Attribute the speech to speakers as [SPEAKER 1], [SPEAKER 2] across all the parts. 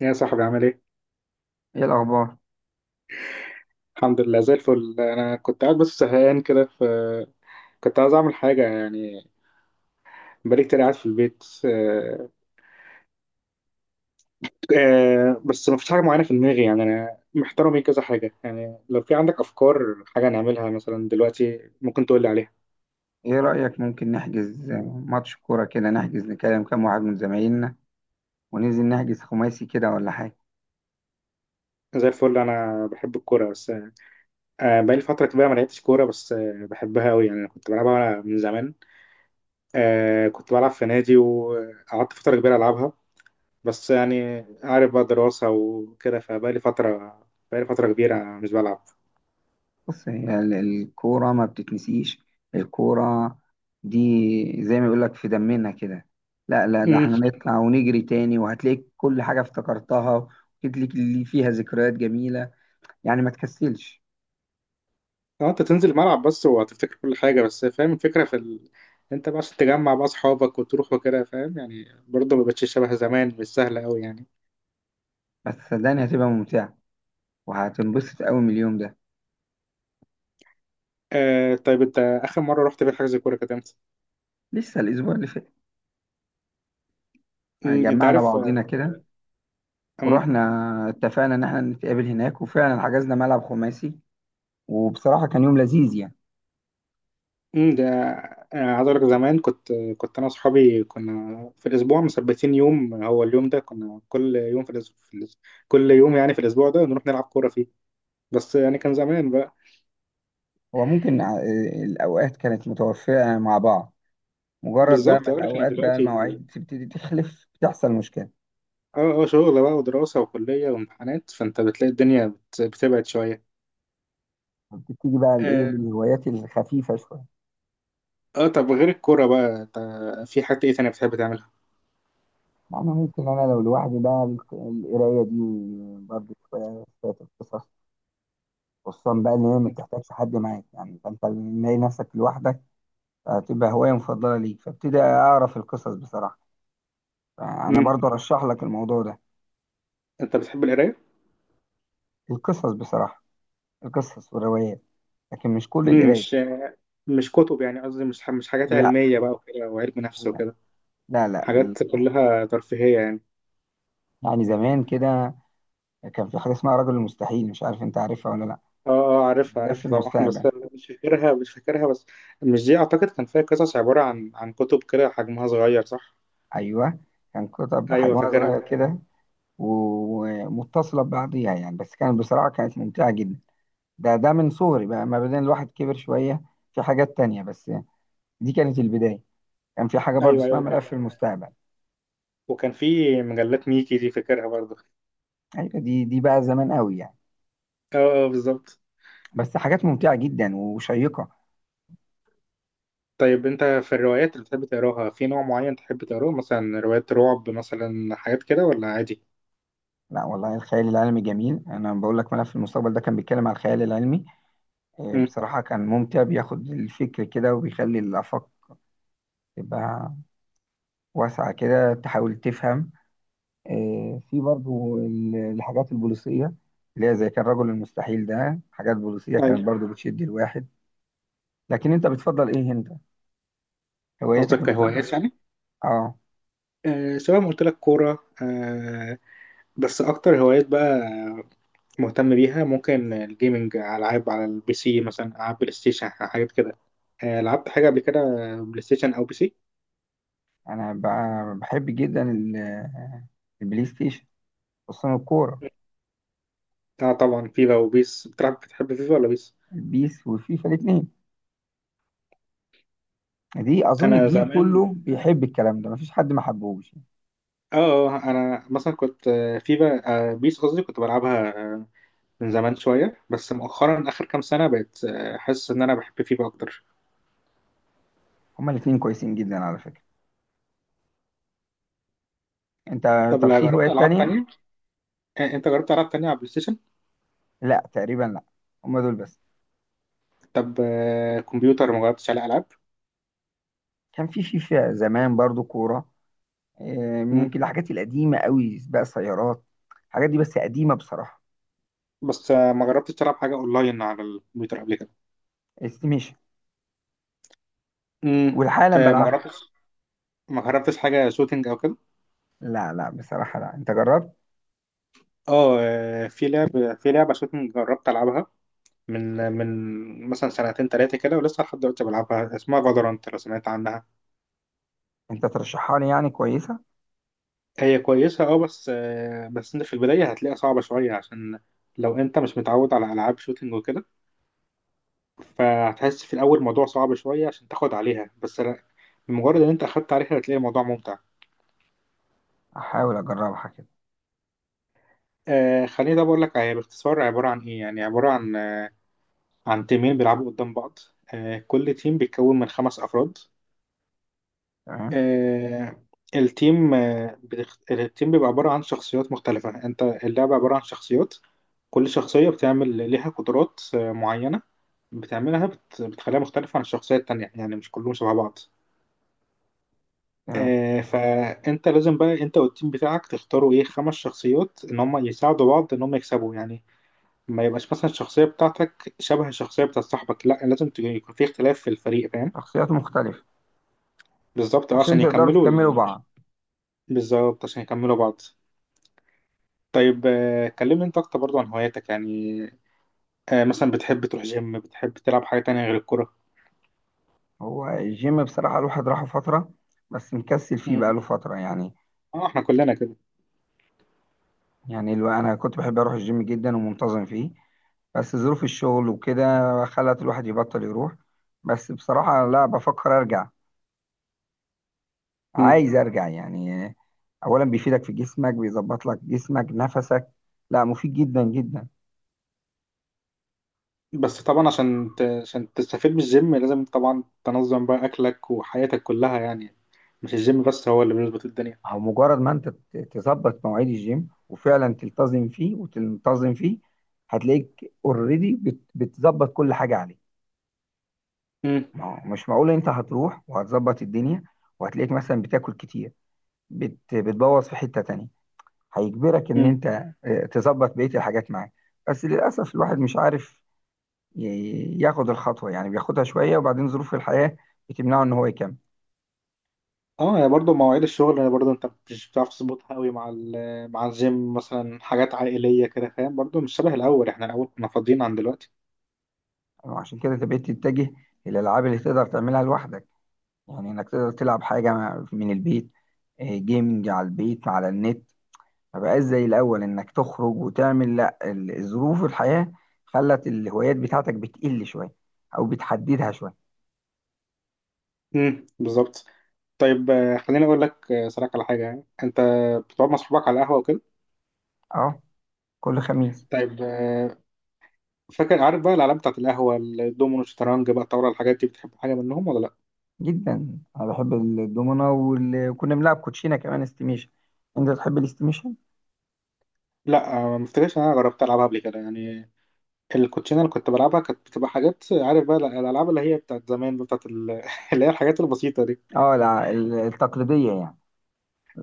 [SPEAKER 1] يا صاحبي عامل ايه؟
[SPEAKER 2] ايه الاخبار؟
[SPEAKER 1] الحمد لله زي الفل، انا كنت قاعد بس زهقان كده، ف كنت عايز اعمل حاجه يعني. بقالي كتير قاعد في البيت. بس ما فيش حاجه معينه في دماغي، يعني انا محتار بين كذا حاجه، يعني لو في عندك افكار حاجه نعملها مثلا دلوقتي ممكن تقول لي عليها.
[SPEAKER 2] ايه رايك ممكن نحجز ماتش كوره كده، نحجز نكلم كام واحد من زمايلنا وننزل نحجز خماسي كده ولا حاجه؟
[SPEAKER 1] زي الفل، انا بحب الكوره بس. بقالي فتره كبيره ما لعبتش كوره، بس بحبها قوي، يعني انا كنت بلعبها من زمان. كنت بلعب في نادي، وقعدت فتره كبيره العبها، بس يعني عارف بقى، دراسة وكده، فبقالي فترة بقالي فترة كبيرة مش بلعب.
[SPEAKER 2] بص، هي الكوره ما بتتنسيش. الكوره دي زي ما بيقول لك في دمنا كده. لا لا، ده
[SPEAKER 1] امم.
[SPEAKER 2] احنا نطلع ونجري تاني وهتلاقيك كل حاجه افتكرتها، وهتلاقيك اللي فيها ذكريات جميله، يعني ما تكسلش.
[SPEAKER 1] اه، انت تنزل الملعب بس وهتفتكر كل حاجة، بس فاهم الفكرة في انت بقى عشان تجمع بقى اصحابك وتروح وكده، فاهم يعني؟ برضه ما بقتش شبه زمان، مش سهلة قوي يعني.
[SPEAKER 2] بس صدقني هتبقى ممتعه وهتنبسط قوي من اليوم ده.
[SPEAKER 1] آه، طيب انت اخر مرة رحت في حجز كورة كانت امتى؟
[SPEAKER 2] لسه الاسبوع اللي فات،
[SPEAKER 1] انت
[SPEAKER 2] جمعنا
[SPEAKER 1] عارف.
[SPEAKER 2] بعضينا كده
[SPEAKER 1] امم.
[SPEAKER 2] ورحنا. اتفقنا ان احنا نتقابل هناك، وفعلا حجزنا ملعب خماسي، وبصراحة كان يوم لذيذ يعني.
[SPEAKER 1] ده عايز اقول لك، زمان كنت انا واصحابي كنا في الاسبوع مثبتين يوم، هو اليوم ده كنا كل يوم في الاسبوع، كل يوم يعني في الاسبوع ده نروح نلعب كورة فيه، بس يعني كان زمان بقى.
[SPEAKER 2] هو ممكن الاوقات كانت متوفقة مع بعض. مجرد بقى
[SPEAKER 1] بالظبط،
[SPEAKER 2] ما
[SPEAKER 1] اه لكن
[SPEAKER 2] الاوقات بقى
[SPEAKER 1] دلوقتي،
[SPEAKER 2] المواعيد تبتدي تخلف، بتحصل مشكلة.
[SPEAKER 1] اه شغل بقى ودراسة وكلية وامتحانات، فانت بتلاقي الدنيا بتبعد شوية.
[SPEAKER 2] بتبتدي بقى الايه،
[SPEAKER 1] اه,
[SPEAKER 2] للهوايات الخفيفة شوية.
[SPEAKER 1] آه، طب غير الكورة بقى، انت في حاجة ايه تانية بتحب تعملها؟
[SPEAKER 2] يعني ممكن انا لو لوحدي بقى القراية دي، برضه شوية شوية القصص، خصوصا بقى ان هي ما بتحتاجش حد معاك، يعني فانت لما تلاقي نفسك لوحدك هتبقى هواية مفضلة ليك، فابتدي اعرف القصص بصراحة. انا
[SPEAKER 1] مم.
[SPEAKER 2] برضو ارشح لك الموضوع ده.
[SPEAKER 1] انت بتحب القراية؟
[SPEAKER 2] القصص بصراحه، القصص والروايات، لكن مش كل
[SPEAKER 1] مم.
[SPEAKER 2] القرايه.
[SPEAKER 1] مش مش كتب يعني، قصدي مش حاجات
[SPEAKER 2] لا،
[SPEAKER 1] علمية بقى وكده، وعلم نفس
[SPEAKER 2] لا،
[SPEAKER 1] وكده.
[SPEAKER 2] لا، لا.
[SPEAKER 1] حاجات
[SPEAKER 2] القصص.
[SPEAKER 1] كلها ترفيهية يعني.
[SPEAKER 2] يعني زمان كده كان في حاجه اسمها رجل المستحيل، مش عارف انت عارفها ولا لا؟
[SPEAKER 1] اه، اه، عارفها،
[SPEAKER 2] ده في
[SPEAKER 1] عارفها، طبعا.
[SPEAKER 2] المستقبل.
[SPEAKER 1] بس أنا مش فاكرها، مش فاكرها. بس مش دي، اعتقد كان فيها قصص عبارة عن كتب كده، حجمها صغير، صح؟
[SPEAKER 2] ايوه، كان كتب
[SPEAKER 1] ايوه،
[SPEAKER 2] بحجمها صغير
[SPEAKER 1] فاكرها.
[SPEAKER 2] كده، ومتصله ببعضيها، يعني بس كانت بصراحه كانت ممتعه جدا. ده من صغري بقى، ما بعدين الواحد كبر شويه في حاجات تانية، بس دي كانت البدايه. كان في حاجه برضو
[SPEAKER 1] ايوه،
[SPEAKER 2] اسمها
[SPEAKER 1] ايوه،
[SPEAKER 2] ملف
[SPEAKER 1] كان.
[SPEAKER 2] المستقبل.
[SPEAKER 1] وكان في مجلات ميكي، دي فاكرها برضه.
[SPEAKER 2] ايوه، دي بقى زمان قوي يعني.
[SPEAKER 1] اه بالظبط.
[SPEAKER 2] بس حاجات ممتعة جدا وشيقة.
[SPEAKER 1] طيب انت في الروايات اللي بتحب تقراها في نوع معين تحب تقراه، مثلا روايات رعب مثلا، حاجات كده ولا عادي؟
[SPEAKER 2] لا والله، الخيال العلمي جميل، انا بقول لك ملف المستقبل ده كان بيتكلم على الخيال العلمي.
[SPEAKER 1] امم.
[SPEAKER 2] بصراحة كان ممتع، بياخد الفكر كده وبيخلي الآفاق تبقى واسعة كده، تحاول تفهم. في برضو الحاجات البوليسية، اللي هي زي كان رجل المستحيل ده، حاجات بوليسية كانت
[SPEAKER 1] ايوه.
[SPEAKER 2] برضو بتشد الواحد. لكن انت بتفضل ايه انت؟ هوايتك
[SPEAKER 1] قصدك
[SPEAKER 2] المفضلة.
[SPEAKER 1] كهوايات يعني؟
[SPEAKER 2] اه،
[SPEAKER 1] سواء، ما قلت لك كوره. بس اكتر هوايات بقى مهتم بيها ممكن الجيمنج، العاب على البي سي مثلا، العاب بلاي ستيشن، حاجات كده. لعبت حاجه قبل كده، بلاي ستيشن او بي سي؟
[SPEAKER 2] انا بحب جدا البلاي ستيشن، خصوصا الكورة.
[SPEAKER 1] اه طبعا، فيفا وبيس بتلعب؟ بتحب فيفا ولا بيس؟
[SPEAKER 2] البيس وفيفا الاتنين، دي اظن
[SPEAKER 1] انا
[SPEAKER 2] الجيل
[SPEAKER 1] زمان،
[SPEAKER 2] كله بيحب الكلام ده، مفيش حد ما حبهوش.
[SPEAKER 1] انا مثلا كنت، في بقى، بيس قصدي كنت بلعبها آه، من زمان شويه. بس مؤخرا، اخر كام سنه، بقيت حاسس ان انا بحب فيفا اكتر.
[SPEAKER 2] هما الاتنين كويسين جدا على فكرة. انت
[SPEAKER 1] طب
[SPEAKER 2] طب
[SPEAKER 1] لا،
[SPEAKER 2] في
[SPEAKER 1] جربت
[SPEAKER 2] هوايات
[SPEAKER 1] العاب
[SPEAKER 2] تانية؟
[SPEAKER 1] تانية؟ انت جربت العاب تانية على بلاي ستيشن؟
[SPEAKER 2] لا تقريبا، لا، هما دول بس.
[SPEAKER 1] طب كمبيوتر، ما جربتش على العاب؟
[SPEAKER 2] كان في فيفا زمان برضو كورة،
[SPEAKER 1] مم.
[SPEAKER 2] ممكن الحاجات القديمة قوي، سباق سيارات، الحاجات دي بس قديمة بصراحة.
[SPEAKER 1] بس ما جربتش تلعب حاجه اونلاين على الكمبيوتر قبل كده؟
[SPEAKER 2] استيميشن
[SPEAKER 1] مم.
[SPEAKER 2] والحالا
[SPEAKER 1] آه، ما
[SPEAKER 2] بلعبها.
[SPEAKER 1] جربتش ما جربتش حاجه شوتينج او كده؟
[SPEAKER 2] لا، لا بصراحة، لا، انت جربت؟
[SPEAKER 1] اه في لعبه شوتينج جربت العبها، من مثلا سنتين ثلاثه كده، ولسه لحد دلوقتي بلعبها، اسمها فالورانت، لو سمعت عنها.
[SPEAKER 2] انت ترشحها لي يعني، كويسة؟
[SPEAKER 1] هي كويسة اه، بس بس انت في البداية هتلاقيها صعبة شوية، عشان لو انت مش متعود على العاب شوتينج وكده، فهتحس في الاول الموضوع صعب شوية عشان تاخد عليها. بس لا، بمجرد ان انت اخدت عليها هتلاقي الموضوع ممتع.
[SPEAKER 2] احاول اجربها كده.
[SPEAKER 1] خليني، ده بقول لك هي باختصار عبارة عن ايه، يعني عبارة عن عن تيمين بيلعبوا قدام بعض. آه، كل تيم بيتكون من 5 افراد.
[SPEAKER 2] تمام،
[SPEAKER 1] آه، التيم بيبقى عبارة عن شخصيات مختلفة، انت اللعبة عبارة عن شخصيات. كل شخصية بتعمل ليها قدرات معينة، بتخليها مختلفة عن الشخصية التانية، يعني مش كلهم شبه بعض.
[SPEAKER 2] تمام.
[SPEAKER 1] فانت لازم بقى انت والتيم بتاعك تختاروا ايه، 5 شخصيات، ان هم يساعدوا بعض، ان هم يكسبوا يعني. ما يبقاش مثلا الشخصية بتاعتك شبه الشخصية بتاعت صاحبك، لا لازم يكون في اختلاف في الفريق، فاهم؟
[SPEAKER 2] شخصيات مختلفة.
[SPEAKER 1] بالظبط،
[SPEAKER 2] عشان
[SPEAKER 1] عشان
[SPEAKER 2] تقدروا
[SPEAKER 1] يكملوا
[SPEAKER 2] تكملوا بعض.
[SPEAKER 1] بالظبط، عشان يكملوا بعض. طيب كلمني انت اكتر برضو عن هواياتك يعني. مثلا بتحب تروح جيم؟ بتحب تلعب حاجة تانية غير الكرة؟
[SPEAKER 2] هو الجيم بصراحة الواحد راحه فترة، بس مكسل فيه
[SPEAKER 1] مم.
[SPEAKER 2] بقاله فترة يعني.
[SPEAKER 1] اه، احنا كلنا كده.
[SPEAKER 2] يعني أنا كنت بحب أروح الجيم جدا ومنتظم فيه، بس ظروف الشغل وكده خلت الواحد يبطل يروح. بس بصراحة لا، بفكر أرجع،
[SPEAKER 1] مم.
[SPEAKER 2] عايز أرجع يعني. أولا بيفيدك في جسمك، بيظبط لك جسمك نفسك، لا، مفيد جدا جدا.
[SPEAKER 1] بس طبعا عشان عشان تستفيد من الجيم لازم طبعا تنظم بقى اكلك وحياتك كلها يعني، مش الجيم بس هو اللي بيظبط الدنيا.
[SPEAKER 2] أو مجرد ما أنت تظبط مواعيد الجيم وفعلا تلتزم فيه وتنتظم فيه، هتلاقيك اوريدي بتظبط كل حاجة عليه.
[SPEAKER 1] مم.
[SPEAKER 2] ما هو مش معقول انت هتروح وهتظبط الدنيا وهتلاقيك مثلا بتاكل كتير، بت بتبوظ في حتة تانية، هيجبرك ان
[SPEAKER 1] مم.
[SPEAKER 2] انت تظبط بقية الحاجات معاك. بس للأسف الواحد مش عارف ياخد الخطوة، يعني بياخدها شوية وبعدين ظروف الحياة بتمنعه ان هو يكمل.
[SPEAKER 1] اه يعني برضو مواعيد الشغل يعني، برضو انت مش بتعرف تظبطها قوي مع مع الجيم، مثلا حاجات عائلية كده، فاهم؟ برضو مش شبه الاول، احنا الاول كنا فاضيين عن دلوقتي.
[SPEAKER 2] عشان كده انت بقيت تتجه للألعاب اللي تقدر تعملها لوحدك، يعني انك تقدر تلعب حاجة من البيت، جيمنج على البيت على النت. ما بقاش زي الأول إنك تخرج وتعمل، لأ، ظروف الحياة خلت الهوايات بتاعتك بتقل شوية أو بتحددها شوية.
[SPEAKER 1] مم. بالظبط. طيب خليني اقول لك صراحة على حاجه، يعني انت بتقعد مع صحابك على القهوه وكده.
[SPEAKER 2] أه، كل خميس.
[SPEAKER 1] طيب فاكر عارف بقى الالعاب بتاعت القهوه، الدومينو، الشطرنج بقى، الطاوله، الحاجات دي بتحب حاجه منهم ولا لا؟
[SPEAKER 2] جدا، أنا بحب الدومنة وكنا بنلعب كوتشينة كمان، استيميشن. أنت تحب الاستيميشن؟
[SPEAKER 1] لا. ما افتكرش ان انا جربت العبها قبل كده يعني. الكوتشينه اللي كنت بلعبها كانت بتبقى حاجات، عارف بقى الالعاب اللي هي بتاعت زمان بقى، بتاعت اللي هي الحاجات البسيطه دي.
[SPEAKER 2] أه، لا التقليدية يعني.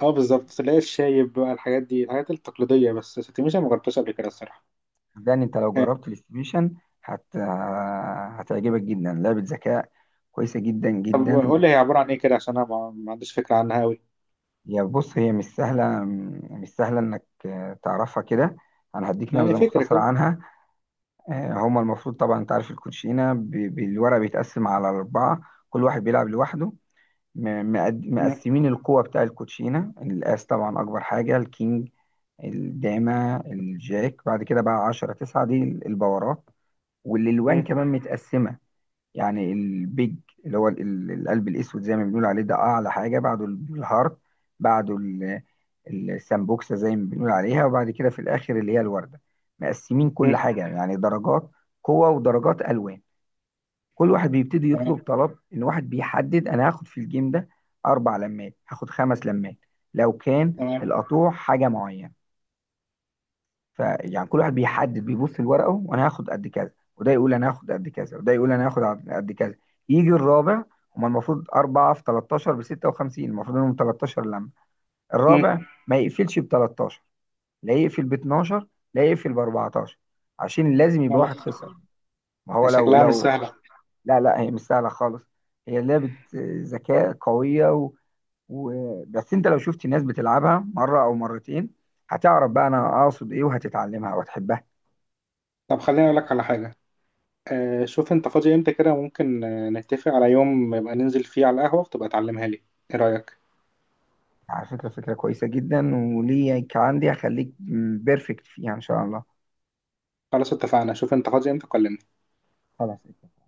[SPEAKER 1] اه، بالظبط، اللي هي الشايب بقى، الحاجات دي الحاجات التقليديه. بس ستيميشن ما جربتهاش قبل كده الصراحه.
[SPEAKER 2] ده أنت لو
[SPEAKER 1] آه،
[SPEAKER 2] جربت الاستيميشن هت... هتعجبك جدا، لعبة ذكاء كويسة جدا
[SPEAKER 1] طب
[SPEAKER 2] جدا.
[SPEAKER 1] قول لي هي عباره عن ايه كده، عشان انا ما عنديش فكره عنها قوي،
[SPEAKER 2] يا بص، هي مش سهلة، مش سهلة إنك تعرفها كده. أنا هديك
[SPEAKER 1] يعني
[SPEAKER 2] نبذة
[SPEAKER 1] فكره
[SPEAKER 2] مختصرة
[SPEAKER 1] كده.
[SPEAKER 2] عنها. هما المفروض طبعا انت عارف الكوتشينه بالورق بيتقسم على اربعه، كل واحد بيلعب لوحده.
[SPEAKER 1] مم.
[SPEAKER 2] مقسمين القوه بتاع الكوتشينه، الاس طبعا اكبر حاجه، الكينج، الداما، الجاك، بعد كده بقى 10، 9، دي البورات. والالوان
[SPEAKER 1] مم.
[SPEAKER 2] كمان متقسمه، يعني البيج اللي هو القلب الاسود زي ما بنقول عليه، ده اعلى حاجه. بعده الهارت، بعده السامبوكسه زي ما بنقول عليها، وبعد كده في الاخر اللي هي الورده. مقسمين كل حاجه، يعني درجات قوه ودرجات الوان. كل واحد بيبتدي
[SPEAKER 1] تمام.
[SPEAKER 2] يطلب طلب، ان واحد بيحدد انا هاخد في الجيم ده اربع لمات، هاخد خمس لمات لو كان
[SPEAKER 1] تمام.
[SPEAKER 2] القطوع حاجه معينه. فيعني كل واحد بيحدد بيبص لورقه، وانا هاخد قد كذا، وده يقول انا هاخد قد كذا، وده يقول انا هاخد قد كذا. يجي الرابع، هما المفروض 4 في 13 ب 56، المفروض إنهم 13 لما.
[SPEAKER 1] مم.
[SPEAKER 2] الرابع ما يقفلش ب 13، لا يقفل ب 12، لا يقفل ب 14، عشان لازم يبقى واحد
[SPEAKER 1] خلاص.
[SPEAKER 2] خسر. ما هو
[SPEAKER 1] هي
[SPEAKER 2] لو
[SPEAKER 1] شكلها مش
[SPEAKER 2] لو
[SPEAKER 1] سهلة.
[SPEAKER 2] لا لا، هي مش سهلة خالص، هي لعبة ذكاء قوية، بس أنت لو شفت ناس بتلعبها مرة أو مرتين، هتعرف بقى أنا أقصد إيه وهتتعلمها وهتحبها.
[SPEAKER 1] طب خليني أقول لك على حاجة. آه، شوف أنت فاضي إمتى كده، ممكن نتفق على يوم يبقى ننزل فيه على القهوة وتبقى تعلمها لي. إيه رأيك؟
[SPEAKER 2] على فكرة فكرة كويسة جدا، وليك عندي هخليك بيرفكت فيها إن شاء الله.
[SPEAKER 1] خلاص، اتفقنا، شوف أنت فاضي إمتى، كلمني.
[SPEAKER 2] خلاص.